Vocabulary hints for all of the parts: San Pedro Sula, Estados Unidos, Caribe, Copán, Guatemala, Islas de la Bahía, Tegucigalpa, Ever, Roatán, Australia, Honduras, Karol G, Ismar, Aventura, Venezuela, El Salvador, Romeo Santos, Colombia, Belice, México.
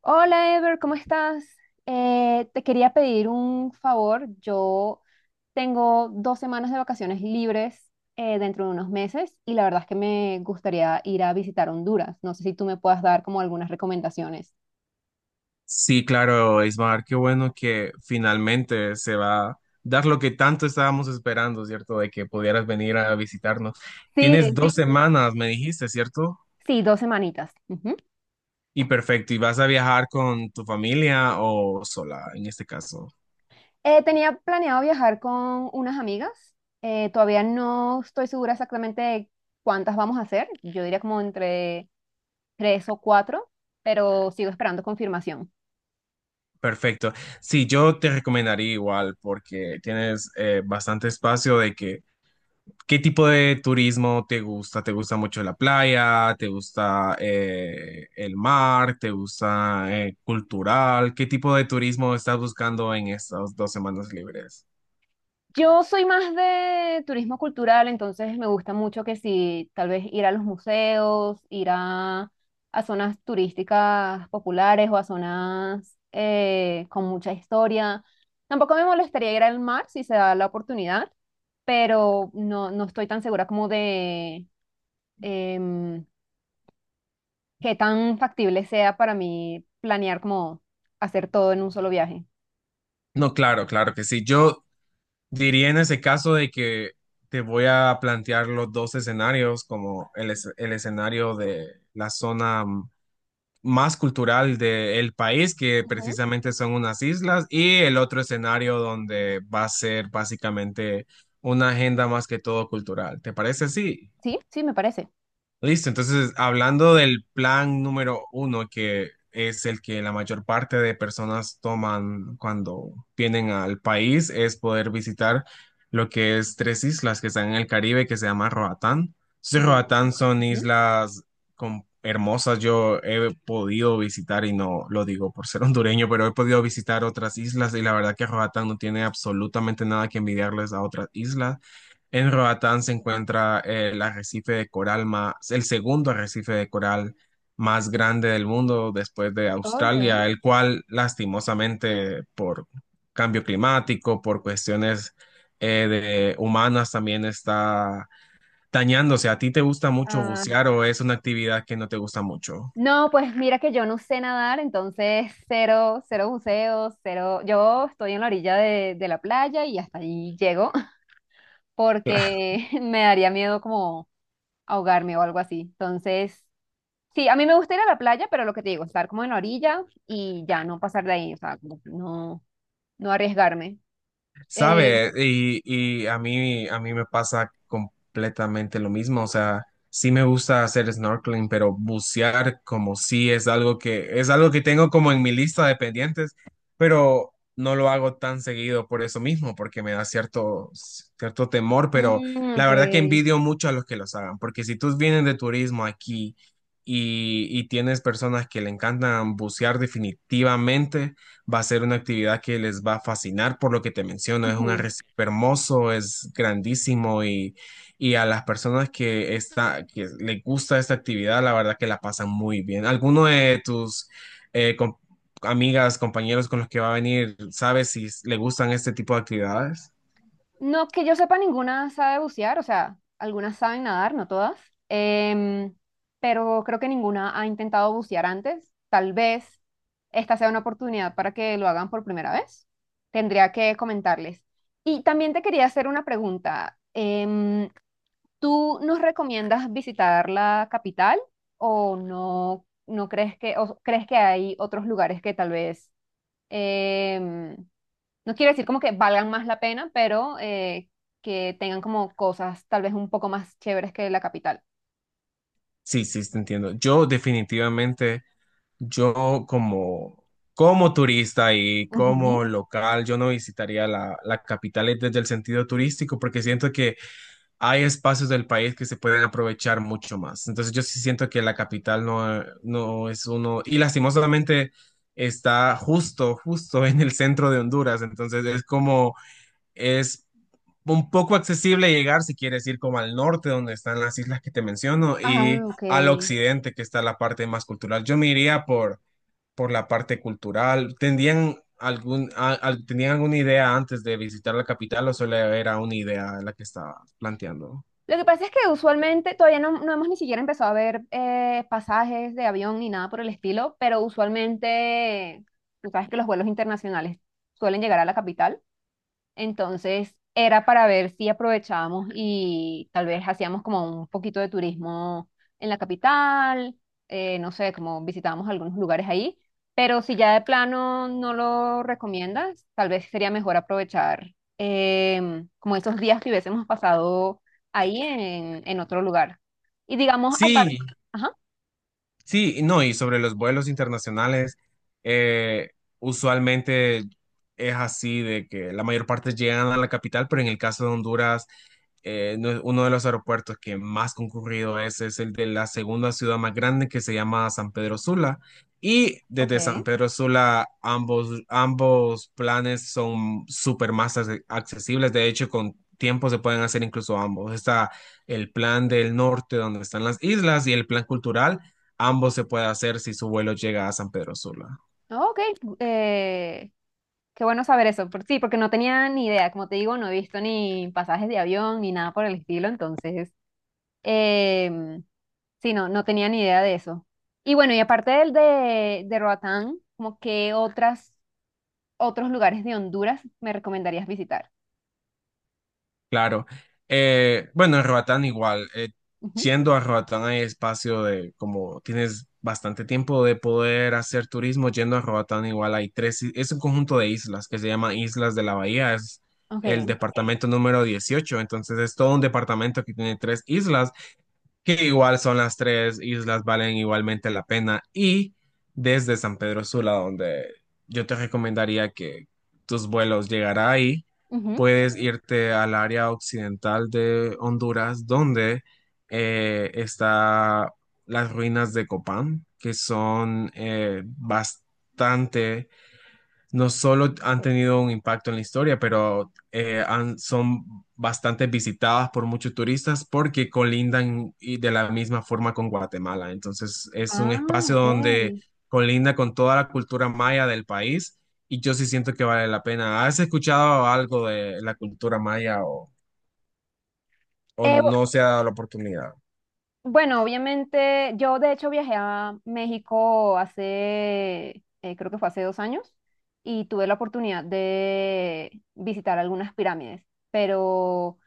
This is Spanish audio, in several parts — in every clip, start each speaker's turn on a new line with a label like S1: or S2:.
S1: Hola Ever, ¿cómo estás? Te quería pedir un favor. Yo tengo 2 semanas de vacaciones libres dentro de unos meses y la verdad es que me gustaría ir a visitar Honduras. No sé si tú me puedas dar como algunas recomendaciones.
S2: Sí, claro, Ismar, qué bueno que finalmente se va a dar lo que tanto estábamos esperando, ¿cierto? De que pudieras venir a visitarnos. Tienes... sí,
S1: Sí,
S2: dos... sí, semanas, me dijiste, ¿cierto?
S1: sí, 2 semanitas. Ujú.
S2: Y perfecto, ¿y vas a viajar con tu familia o sola en este caso?
S1: Tenía planeado viajar con unas amigas. Todavía no estoy segura exactamente de cuántas vamos a hacer. Yo diría como entre tres o cuatro, pero sigo esperando confirmación.
S2: Perfecto. Sí, yo te recomendaría igual porque tienes bastante espacio de que... ¿qué tipo de turismo te gusta? ¿Te gusta mucho la playa? ¿Te gusta el mar? ¿Te gusta cultural? ¿Qué tipo de turismo estás buscando en estas 2 semanas libres?
S1: Yo soy más de turismo cultural, entonces me gusta mucho que si tal vez ir a los museos, ir a zonas turísticas populares o a zonas con mucha historia. Tampoco me molestaría ir al mar si se da la oportunidad, pero no, no estoy tan segura como de em, qué tan factible sea para mí planear como hacer todo en un solo viaje.
S2: No, claro, claro que sí. Yo diría en ese caso de que te voy a plantear los dos escenarios, como el escenario de la zona más cultural del país, que
S1: Ujú.
S2: precisamente son unas islas, y el otro escenario donde va a ser básicamente una agenda más que todo cultural. ¿Te parece así?
S1: Sí, sí, me parece.
S2: Listo, entonces hablando del plan número uno, que es el que la mayor parte de personas toman cuando vienen al país, es poder visitar lo que es tres islas que están en el Caribe, que se llama Roatán. Entonces,
S1: Roatán.
S2: Roatán son
S1: Ujú.
S2: islas hermosas, yo he podido visitar, y no lo digo por ser hondureño, pero he podido visitar otras islas y la verdad que Roatán no tiene absolutamente nada que envidiarles a otras islas. En Roatán se encuentra el arrecife de coral más, el segundo arrecife de coral más grande del mundo después de
S1: Ok.
S2: Australia, el cual lastimosamente por cambio climático, por cuestiones de humanas también está dañándose. ¿A ti te gusta mucho
S1: Ah,
S2: bucear o es una actividad que no te gusta mucho?
S1: no, pues mira que yo no sé nadar, entonces cero, cero buceos, cero. Yo estoy en la orilla de la playa y hasta ahí llego porque me daría miedo como ahogarme o algo así. Entonces, sí, a mí me gusta ir a la playa, pero lo que te digo, estar como en la orilla y ya no pasar de ahí, o sea, como que no, no arriesgarme. Eh,
S2: Sabe, y, a mí me pasa completamente lo mismo. O sea, sí me gusta hacer snorkeling, pero bucear como sí es algo que tengo como en mi lista de pendientes, pero no lo hago tan seguido por eso mismo, porque me da cierto temor. Pero
S1: mm,
S2: la
S1: ok.
S2: verdad que envidio mucho a los que los hagan, porque si tú vienes de turismo aquí y tienes personas que le encantan bucear definitivamente va a ser una actividad que les va a fascinar por lo que te menciono. Es un arrecife hermoso, es grandísimo y a las personas que les gusta esta actividad, la verdad que la pasan muy bien. ¿Alguno de tus eh, com- amigas, compañeros con los que va a venir, sabes si le gustan este tipo de actividades?
S1: No que yo sepa, ninguna sabe bucear, o sea, algunas saben nadar, no todas, em, pero creo que ninguna ha intentado bucear antes. Tal vez esta sea una oportunidad para que lo hagan por primera vez. Tendría que comentarles. Y también te quería hacer una pregunta. ¿Tú nos recomiendas visitar la capital o no, no crees que, o crees que hay otros lugares que tal vez em, no quiero decir como que valgan más la pena, pero que tengan como cosas tal vez un poco más chéveres que la capital?
S2: Sí, sí, te entiendo. Yo definitivamente, yo como, como turista y
S1: Ujú.
S2: como local, yo no visitaría la capital desde el sentido turístico porque siento que hay espacios del país que se pueden aprovechar mucho más. Entonces yo sí siento que la capital no, no es uno, y lastimosamente está justo en el centro de Honduras. Entonces es como, es un poco accesible llegar si quieres ir como al norte, donde están las islas que te menciono, y
S1: Ah, ok.
S2: al occidente, que está la parte más cultural. Yo me iría por la parte cultural. ¿Tendrían algún, tenían alguna idea antes de visitar la capital o solo era una idea la que estaba planteando?
S1: Lo que pasa es que usualmente todavía no, no hemos ni siquiera empezado a ver pasajes de avión ni nada por el estilo, pero usualmente, tú sabes que los vuelos internacionales suelen llegar a la capital. Entonces era para ver si aprovechábamos y tal vez hacíamos como un poquito de turismo en la capital, no sé, como visitábamos algunos lugares ahí, pero si ya de plano no lo recomiendas, tal vez sería mejor aprovechar como esos días que hubiésemos pasado ahí en otro lugar. Y digamos, aparte,
S2: Sí,
S1: ajá,
S2: sí, y no, y sobre los vuelos internacionales, eh, usualmente es así de que la mayor parte llegan a la capital, pero en el caso de Honduras uno de los aeropuertos que más concurrido es el de la segunda ciudad más grande que se llama San Pedro Sula. Y desde
S1: ok,
S2: San Pedro Sula ambos planes son súper más accesibles. De hecho, con tiempo se pueden hacer incluso ambos. Está el plan del norte donde están las islas y el plan cultural. Ambos se puede hacer si su vuelo llega a San Pedro Sula.
S1: ok, eh, qué bueno saber eso. Sí, porque no tenía ni idea. Como te digo, no he visto ni pasajes de avión ni nada por el estilo. Entonces, em, sí, no, no tenía ni idea de eso. Y bueno, y aparte del de Roatán, como que otros lugares de Honduras me recomendarías visitar.
S2: Claro. Bueno, en Roatán igual. Eh,
S1: Ujú,
S2: siendo a Roatán hay espacio de, como tienes bastante tiempo de poder hacer turismo, yendo a Roatán igual hay tres, es un conjunto de islas que se llama Islas de la Bahía, es el
S1: ok.
S2: departamento número 18, entonces es todo un departamento que tiene tres islas, que igual son las tres islas, valen igualmente la pena. Y desde San Pedro Sula, donde yo te recomendaría que tus vuelos llegará ahí,
S1: Ujú.
S2: puedes irte al área occidental de Honduras, donde está las ruinas de Copán, que son bastante... no solo han tenido un impacto en la historia, pero son bastante visitadas por muchos turistas porque colindan y de la misma forma con Guatemala. Entonces es un
S1: Ah,
S2: espacio
S1: ok.
S2: donde colinda con toda la cultura maya del país y yo sí siento que vale la pena. ¿Has escuchado algo de la cultura maya o
S1: Bu-
S2: no se ha dado la oportunidad?
S1: Bueno, obviamente, yo de hecho viajé a México hace, creo que fue hace 2 años, y tuve la oportunidad de visitar algunas pirámides, pero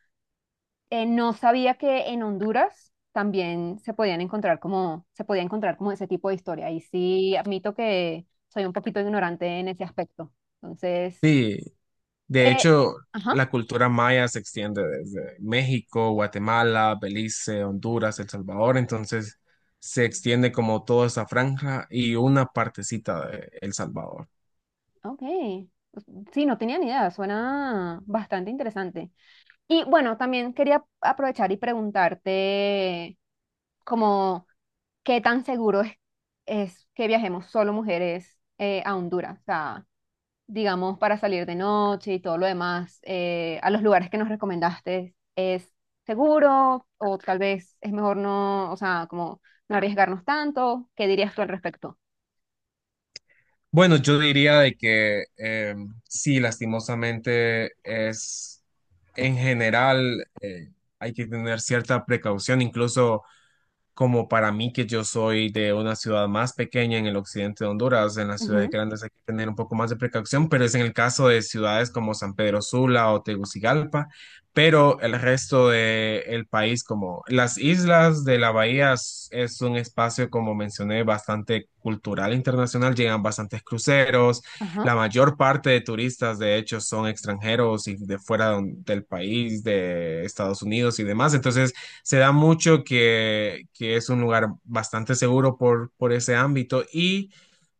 S1: no sabía que en Honduras también se podían encontrar como, se podía encontrar como ese tipo de historia. Y sí, admito que soy un poquito ignorante en ese aspecto. Entonces,
S2: Sí. De
S1: eh,
S2: hecho,
S1: ajá,
S2: la cultura maya se extiende desde México, Guatemala, Belice, Honduras, El Salvador, entonces se extiende como toda esa franja y una partecita de El Salvador.
S1: ok. Pues, sí, no tenía ni idea, suena bastante interesante. Y bueno, también quería aprovechar y preguntarte como qué tan seguro es que viajemos solo mujeres a Honduras, o sea, digamos, para salir de noche y todo lo demás, a los lugares que nos recomendaste, ¿es seguro o tal vez es mejor no, o sea, como no arriesgarnos tanto? ¿Qué dirías tú al respecto?
S2: Bueno, yo diría de que sí, lastimosamente es en general hay que tener cierta precaución, incluso como para mí que yo soy de una ciudad más pequeña en el occidente de Honduras, en las ciudades
S1: Ujú,
S2: grandes hay que tener un poco más de precaución, pero es en el caso de ciudades como San Pedro Sula o Tegucigalpa, pero el resto del país, como las islas de la bahía, es un espacio, como mencioné, bastante cultural internacional, llegan bastantes cruceros,
S1: ajá,
S2: la mayor parte de turistas, de hecho, son extranjeros y de fuera del país, de Estados Unidos y demás, entonces se da mucho que es un lugar bastante seguro por ese ámbito. Y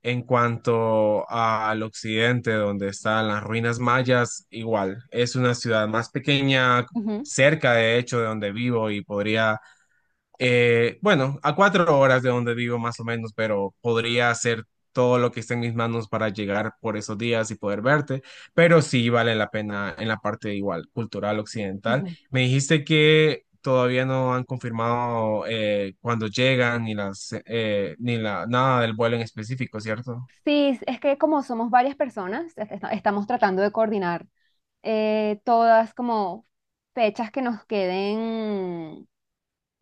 S2: en cuanto al occidente, donde están las ruinas mayas, igual, es una ciudad más pequeña,
S1: ujú,
S2: cerca de hecho de donde vivo y podría bueno, a 4 horas de donde vivo más o menos, pero podría hacer todo lo que esté en mis manos para llegar por esos días y poder verte, pero sí vale la pena en la parte igual cultural occidental.
S1: ujú.
S2: Me dijiste que todavía no han confirmado cuándo llegan ni las ni la nada del vuelo en específico, ¿cierto?
S1: Sí, es que como somos varias personas, estamos tratando de coordinar todas como fechas que nos queden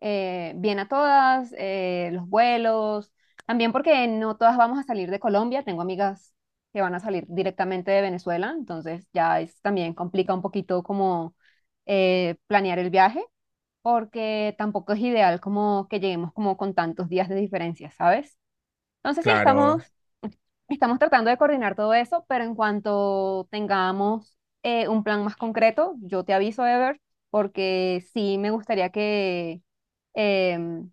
S1: bien a todas, los vuelos, también porque no todas vamos a salir de Colombia, tengo amigas que van a salir directamente de Venezuela, entonces ya es, también complica un poquito como planear el viaje, porque tampoco es ideal como que lleguemos como con tantos días de diferencia, ¿sabes? Entonces sí,
S2: Claro,
S1: estamos, estamos tratando de coordinar todo eso, pero en cuanto tengamos un plan más concreto, yo te aviso, Ever, porque sí me gustaría que em,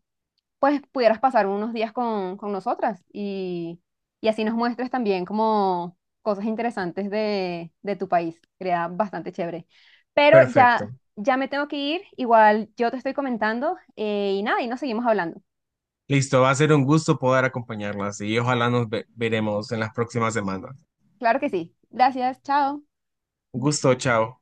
S1: pues pudieras pasar unos días con nosotras y así nos muestres también como cosas interesantes de tu país. Sería bastante chévere. Pero
S2: perfecto.
S1: ya, ya me tengo que ir, igual yo te estoy comentando y nada, y nos seguimos hablando.
S2: Listo, va a ser un gusto poder acompañarlas y ojalá veremos en las próximas semanas.
S1: Claro que sí. Gracias, chao.
S2: Un gusto, chao.